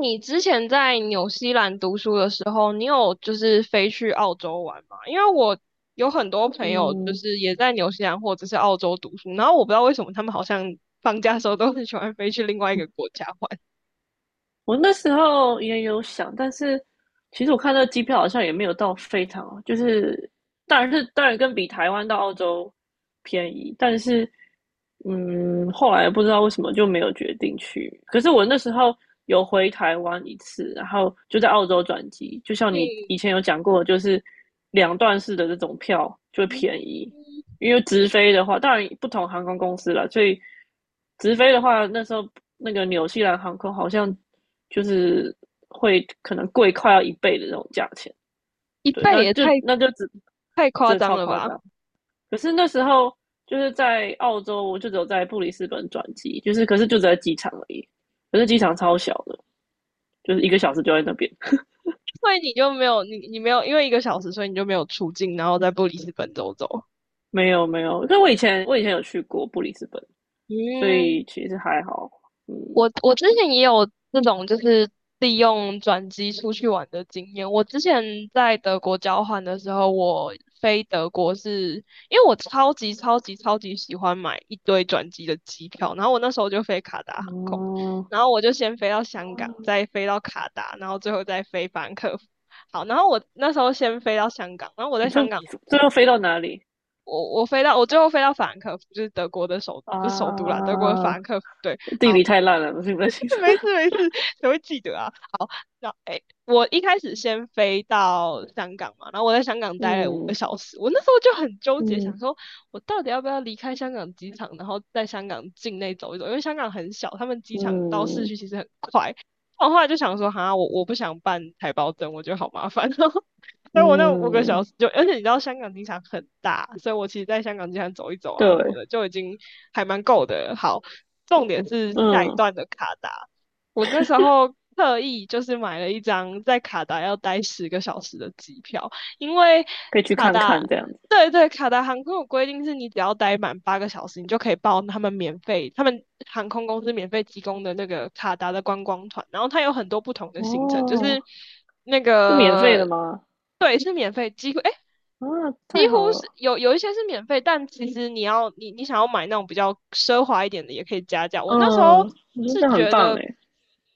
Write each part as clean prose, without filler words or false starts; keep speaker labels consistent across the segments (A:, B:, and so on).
A: 你之前在纽西兰读书的时候，你有就是飞去澳洲玩吗？因为我有很多朋友就
B: 嗯，
A: 是也在纽西兰或者是澳洲读书，然后我不知道为什么他们好像放假的时候都很喜欢飞去另外一个国家玩。
B: 我那时候也有想，但是其实我看那个机票好像也没有到非常啊，就是当然跟比台湾到澳洲便宜，但是嗯，后来不知道为什么就没有决定去。可是我那时候有回台湾一次，然后就在澳洲转机，就像你
A: 嗯，
B: 以前有讲过，就是两段式的这种票就便
A: 嗯
B: 宜，因为直飞的话，当然不同航空公司了，所以直飞的话，那时候那个纽西兰航空好像就是会可能贵快要一倍的那种价钱。
A: 一
B: 对，
A: 倍
B: 那
A: 也
B: 就
A: 太
B: 那就只
A: 太夸
B: 真的
A: 张
B: 超
A: 了
B: 夸
A: 吧？
B: 张。可是那时候就是在澳洲，我就只有在布里斯本转机，就是可是就只在机场而已，可是机场超小的，就是一个小时就在那边。
A: 所以你没有因为一个小时，所以你就没有出境，然后在布里斯本走走。
B: 没有没有，但我以前有去过布里斯本，所
A: 嗯，
B: 以其实还好，嗯。
A: 我之前也有这种就是利用转机出去玩的经验。我之前在德国交换的时候，我飞德国是因为我超级超级超级喜欢买一堆转机的机票，然后我那时候就飞卡达航空，
B: 哦
A: 然后我就先飞到香港，
B: 哦，
A: 再飞到卡达，然后最后再飞法兰克福。好，然后我那时候先飞到香港，然后我在
B: 这
A: 香港，
B: 这要飞到哪里
A: 我最后飞到法兰克福，就是德国的不是首都啦，德国的法
B: 啊？
A: 兰克福。对，
B: 地理
A: 好。
B: 太烂了，不行不行。
A: 没事 没事，谁会记得啊？好，那我一开始先飞到香港嘛，然后我在香港待了五个
B: 嗯
A: 小时，我那时候就很纠结，想
B: 嗯
A: 说我到底要不要离开香港机场，然后在香港境内走一走，因为香港很小，他们机场到市
B: 嗯
A: 区其实很快。我后来就想说，我不想办台胞证，我觉得好麻烦哦。所以我那五个小
B: 嗯，
A: 时就，而且你知道香港机场很大，所以我其实在香港机场走一走啊什么
B: 对，
A: 的，就已经还蛮够的了好，重点是下一
B: 嗯，
A: 段的卡达，我那时候特意就是买了一张在卡达要待10个小时的机票，因为
B: 可以去
A: 卡
B: 看看
A: 达。
B: 这样子。
A: 对对，卡达航空有规定是你只要待满八个小时，你就可以报他们免费，他们航空公司免费提供的那个卡达的观光团，然后它有很多不同的行程，就
B: 哦，
A: 是那
B: 是免费的
A: 个
B: 吗？
A: 对是免费，几乎哎
B: 啊，
A: 几
B: 太好
A: 乎是
B: 了。
A: 有一些是免费，但其实你想要买那种比较奢华一点的，也可以加价。我那时
B: 嗯，
A: 候
B: 我觉得
A: 是
B: 这样很
A: 觉
B: 棒
A: 得，
B: 哎。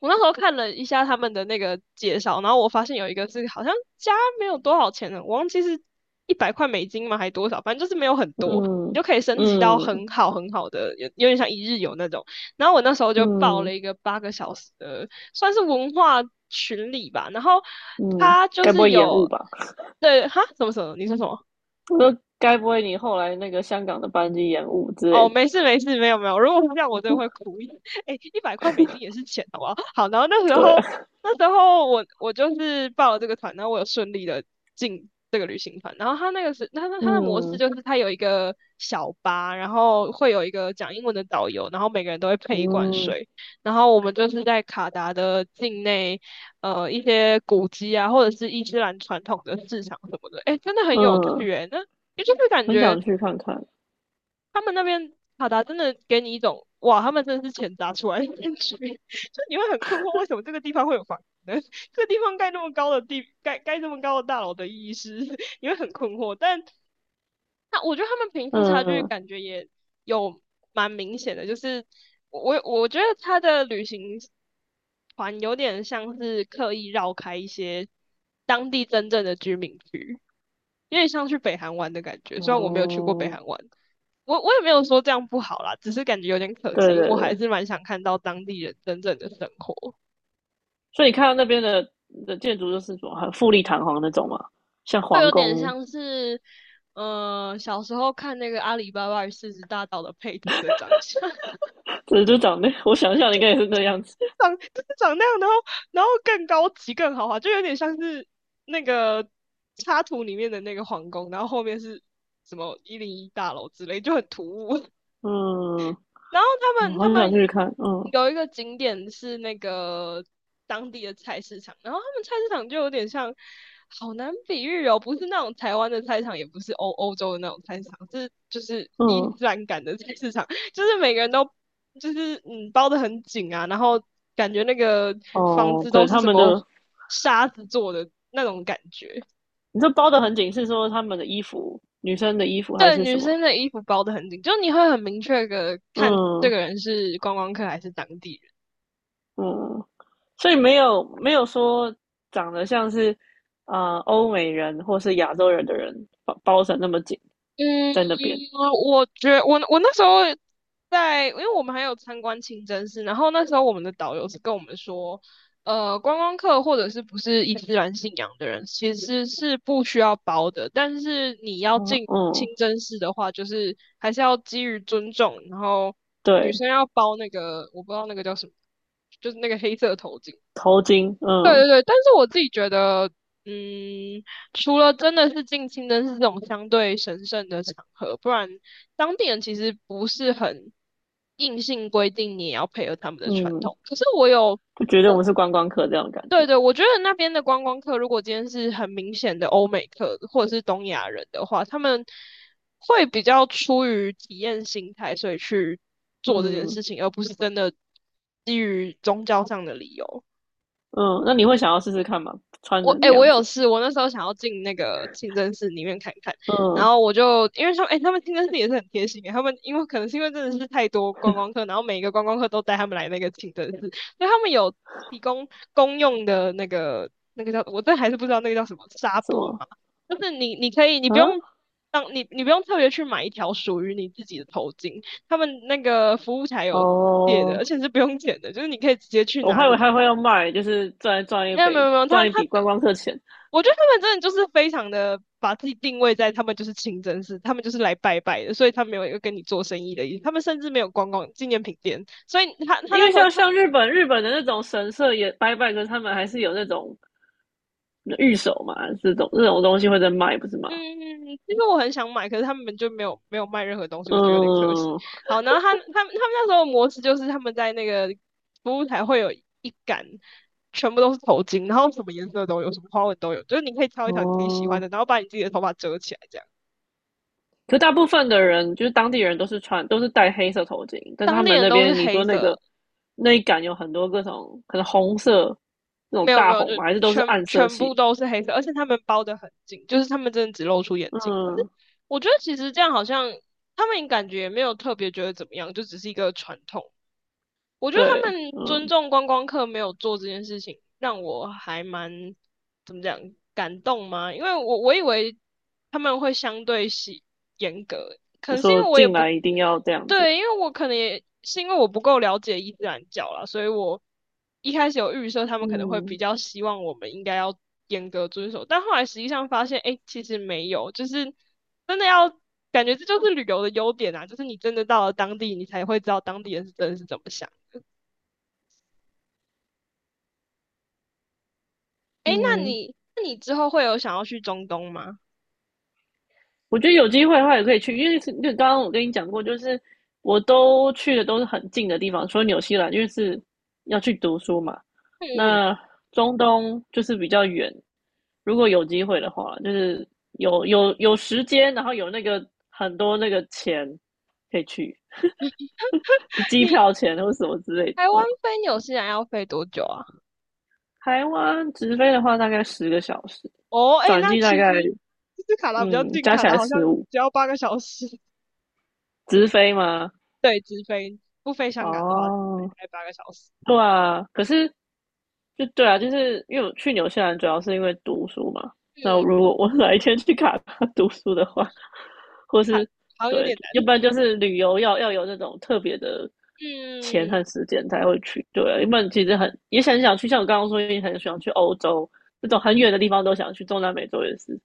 A: 我那时候看了一下他们的那个介绍，然后我发现有一个是好像加没有多少钱的，我忘记是一百块美金嘛，还多少，反正就是没有很多，你就
B: 嗯
A: 可以升级到
B: 嗯
A: 很好很好的，有点像一日游那种。然后我那时候就报
B: 嗯
A: 了一个八个小时的，算是文化群里吧，然后
B: 嗯，
A: 他就
B: 该不
A: 是
B: 会延
A: 有。
B: 误吧？
A: 对，什么什么？你说什么？
B: 我说该不会你后来那个香港的班机延误之类
A: 哦，
B: 的？
A: 没事没事，没有没有。如果是这样，我真的会哭。哎，100块美金也是钱，好不好？好，然后那时
B: 对
A: 候
B: 啊，
A: 那时候我就是报了这个团，然后我有顺利的进这个旅行团。然后他的模式
B: 嗯
A: 就是他有一个小巴，然后会有一个讲英文的导游，然后每个人都会配一罐
B: 嗯
A: 水。然后我们就是在卡达的境内，一些古迹啊，或者是伊斯兰传统的市场什么的。哎，真的很有
B: 嗯，
A: 趣哎，那。也就是感
B: 很
A: 觉
B: 想去看看。
A: 他们那边卡达真的给你一种哇，他们真的是钱砸出来的感觉，就你会很困惑，为什么这个地方会有房子呢 这个地方盖这么高的大楼的意义是，你会很困惑。但那我觉得他们贫富差距
B: 嗯，
A: 感觉也有蛮明显的，就是我觉得他的旅行团有点像是刻意绕开一些当地真正的居民区，有点像去北韩玩的感觉。虽然我没有去过北
B: 哦，
A: 韩玩。我也没有说这样不好啦，只是感觉有点可惜，
B: 对
A: 因为
B: 对
A: 我还
B: 对，
A: 是蛮想看到当地人真正的生活，
B: 所以你看到那边的建筑就是什么很富丽堂皇那种嘛，像
A: 会
B: 皇
A: 有点
B: 宫。
A: 像是，小时候看那个阿里巴巴与四十大盗的配图的长相，
B: 对，就长那，我想象应该也是那样 子。
A: 长就是长那样，然后更高级更豪华，就有点像是那个插图里面的那个皇宫，然后后面是什么101大楼之类，就很突兀。
B: 嗯，
A: 然后他
B: 好
A: 们他
B: 好想
A: 们
B: 去看。嗯
A: 有一个景点是那个当地的菜市场，然后他们菜市场就有点像，好难比喻哦，不是那种台湾的菜市场，也不是欧洲的那种菜市场，是就是伊
B: 嗯，
A: 斯兰感的菜市场，就是每个人都就是包的很紧啊，然后感觉那个房
B: 哦，
A: 子都
B: 对，
A: 是
B: 他
A: 什
B: 们
A: 么
B: 的，
A: 沙子做的那种感觉。
B: 你这包的很紧，是说他们的衣服，女生的衣服还
A: 对，
B: 是
A: 女
B: 什么？
A: 生的衣服包的很紧，就你会很明确的看这
B: 嗯
A: 个人是观光客还是当地人。
B: 嗯，所以没有说长得像是啊欧美人或是亚洲人的人包成那么紧
A: 嗯，
B: 在那边。
A: 我觉我我那时候在，因为我们还有参观清真寺，然后那时候我们的导游是跟我们说，观光客或者是不是伊斯兰信仰的人，其实是不需要包的，但是你要
B: 哦
A: 进清
B: 嗯。
A: 真寺的话，就是还是要基于尊重，然后女
B: 对，
A: 生要包那个，我不知道那个叫什么，就是那个黑色头巾，
B: 头巾，
A: 对
B: 嗯
A: 对对，但是我自己觉得，嗯，除了真的是近亲灯是这种相对神圣的场合，不然当地人其实不是很硬性规定你也要配合他们的传
B: 嗯，
A: 统。可是我有，
B: 就觉得我们是观光客这样的感
A: 对
B: 觉。
A: 对，我觉得那边的观光客，如果今天是很明显的欧美客或者是东亚人的话，他们会比较出于体验心态，所以去做这件
B: 嗯
A: 事情，而不是真的基于宗教上的理由。
B: 嗯，那你会想要试试看吗？穿
A: 我
B: 人
A: 哎、
B: 那
A: 欸我
B: 样
A: 有
B: 子，
A: 事，我那时候想要进那个清真寺里面看看，然
B: 嗯，
A: 后我就因为说，他们清真寺也是很贴心欸他们因为可能是因为真的是太多观光客，然后每一个观光客都带他们来那个清真寺，所以他们有提供公用的那个叫我这还是不知道那个叫什么纱
B: 什
A: 布
B: 么
A: 嘛，就是你你可以你不用
B: 啊？
A: 当你你不用特别去买一条属于你自己的头巾，他们那个服务台有借的，
B: 哦，
A: 而且是不用钱的，就是你可以直接去
B: 我
A: 拿
B: 还以为
A: 你
B: 他会
A: 票。
B: 要卖，就是赚赚一
A: 没有没有
B: 笔
A: 没有，他
B: 赚
A: 他
B: 一笔观光客钱，
A: 我觉得他们真的就是非常的把自己定位在他们就是清真寺，他们就是来拜拜的，所以他没有一个跟你做生意的意思，他们甚至没有逛逛纪念品店，所以他
B: 因
A: 那
B: 为
A: 时候
B: 像
A: 他
B: 像日本的那种神社也拜拜，可是他们还是有那种御守嘛，这种东西会在卖，不是
A: 嗯，
B: 吗？
A: 其实我很想买，可是他们就没有卖任何东西，我觉得有点可惜。
B: 嗯，
A: 好，然后他们那时候的模式就是他们在那个服务台会有一杆。全部都是头巾，然后什么颜色都有，什么花纹都有，就是你可以挑一条你自己喜欢
B: 哦。
A: 的，然后把你自己的头发遮起来，这样。
B: 可大部分的人就是当地人都是戴黑色头巾，但是他
A: 当地
B: 们
A: 人
B: 那
A: 都是
B: 边你
A: 黑
B: 说那
A: 色，
B: 个那一杆有很多各种可能红色那种
A: 没有没
B: 大
A: 有，就
B: 红嘛，还是都是
A: 全
B: 暗色
A: 全部
B: 系。
A: 都是黑色，而且他们包得很紧，就是他们真的只露出眼睛。可是
B: 嗯，
A: 我觉得其实这样好像他们感觉也没有特别觉得怎么样，就只是一个传统我觉得
B: 对，
A: 他们尊
B: 嗯，
A: 重观光客没有做这件事情，让我还蛮怎么讲感动吗？因为我以为他们会相对严格，可
B: 就
A: 能是因
B: 说
A: 为我也
B: 进来
A: 不
B: 一定要这样子。
A: 对，因为我可能也是因为我不够了解伊斯兰教啦，所以我一开始有预设他们可能会比
B: 嗯
A: 较希望我们应该要严格遵守，但后来实际上发现，哎，其实没有，就是真的要感觉这就是旅游的优点啊，就是你真的到了当地，你才会知道当地人是真的是怎么想。哎，那
B: 嗯。
A: 你那你之后会有想要去中东吗？
B: 我觉得有机会的话也可以去，因为是就刚刚我跟你讲过，就是我都去的都是很近的地方，除了纽西兰，因为是要去读书嘛。
A: 嗯，
B: 那中东就是比较远，如果有机会的话，就是有时间，然后有那个很多那个钱可以去，是机
A: 你
B: 票钱或什么之类的。
A: 台湾
B: 嗯，
A: 飞纽西兰要飞多久啊？
B: 台湾直飞的话大概10个小时，
A: 哦，哎，
B: 转
A: 那
B: 机大
A: 其实
B: 概
A: 其实卡达比较
B: 嗯
A: 近，
B: 加
A: 卡
B: 起
A: 达
B: 来
A: 好像
B: 15。
A: 只要八个小时。
B: 直飞吗？
A: 对，直飞，不飞香港的话，直飞
B: 哦。
A: 大概八个小时。
B: 对啊，可是就对啊，就是因为我去纽西兰主要是因为读书嘛。那
A: 嗯，
B: 如果我 哪一天去卡达 读书的话，或
A: 还
B: 是
A: 好像有
B: 对，
A: 点
B: 要不然
A: 难。
B: 就是旅游要有那种特别的钱
A: 嗯，
B: 和时间才会去。对啊，要不然其实很也很想去，像我刚刚说，也很想去欧洲这种很远的地方都想去，中南美洲也是。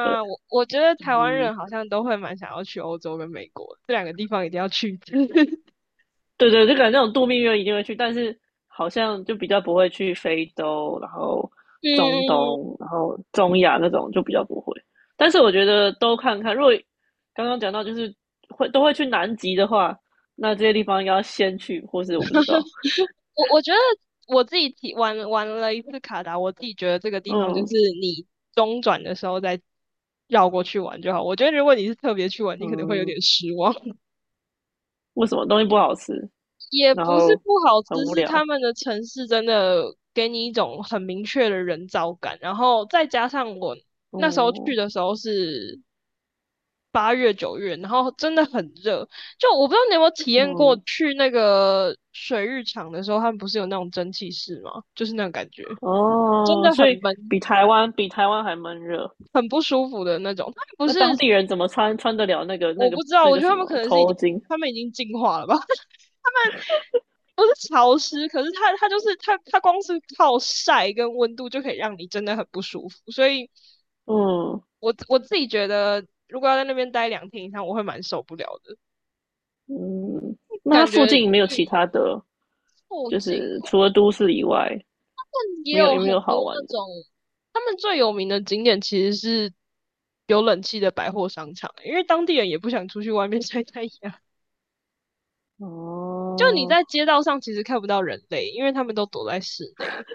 B: 对，
A: 我觉得台湾
B: 嗯，
A: 人好像都会蛮想要去欧洲跟美国这两个地方，一定要去一次。
B: 对对，就感觉那种度蜜月一定会去，但是好像就比较不会去非洲，然后
A: 嗯嗯
B: 中
A: 嗯
B: 东，然后中亚那种就比较不会。但是我觉得都看看，如果刚刚讲到就是会都会去南极的话，那这些地方应该要先去，或是我不知道，
A: 我觉得我自己玩了一次卡达，我自己觉得这个地方就
B: 嗯
A: 是你中转的时候再绕过去玩就好。我觉得如果你是特别去玩，你可能会有
B: 嗯，
A: 点失望。
B: 为什么东西不好吃，
A: 也
B: 然
A: 不是
B: 后
A: 不好吃，
B: 很无
A: 是
B: 聊，
A: 他们的城市真的给你一种很明确的人造感。然后再加上我那时候去
B: 嗯
A: 的时候是8月9月，然后真的很热。就我不知道你有没有体验过
B: 嗯
A: 去那个水浴场的时候，他们不是有那种蒸汽室吗？就是那种感觉。真
B: 哦，
A: 的很
B: 所以
A: 闷，
B: 比台湾还闷热。
A: 很不舒服的那种。他们不
B: 那当
A: 是，
B: 地人怎么穿得了那个那
A: 我不
B: 个
A: 知道，
B: 那
A: 我
B: 个
A: 觉得
B: 什
A: 他们可
B: 么
A: 能是已经，
B: 头巾？
A: 他们已经进化了吧？不是潮湿，可是它光是靠晒跟温度就可以让你真的很不舒服。所以
B: 嗯，
A: 我自己觉得，如果要在那边待2天以上，我会蛮受不了的，
B: 那它
A: 感觉
B: 附近没有其他的，
A: 附
B: 就
A: 近
B: 是除了都市以外，
A: 也
B: 没有
A: 有
B: 有没
A: 很
B: 有
A: 多
B: 好
A: 那
B: 玩的？
A: 种，他们最有名的景点其实是有冷气的百货商场欸，因为当地人也不想出去外面晒太阳。就你
B: 哦，
A: 在街道上其实看不到人类，因为他们都躲在室内。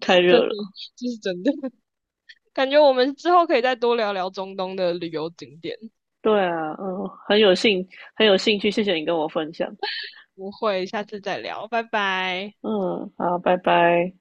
B: 太
A: 真的，
B: 热了。
A: 这是真的。感觉我们之后可以再多聊聊中东的旅游景点。
B: 对啊，嗯，很有兴趣，谢谢你跟我分享。
A: 不会，下次再聊，拜拜。
B: 嗯，好，拜拜。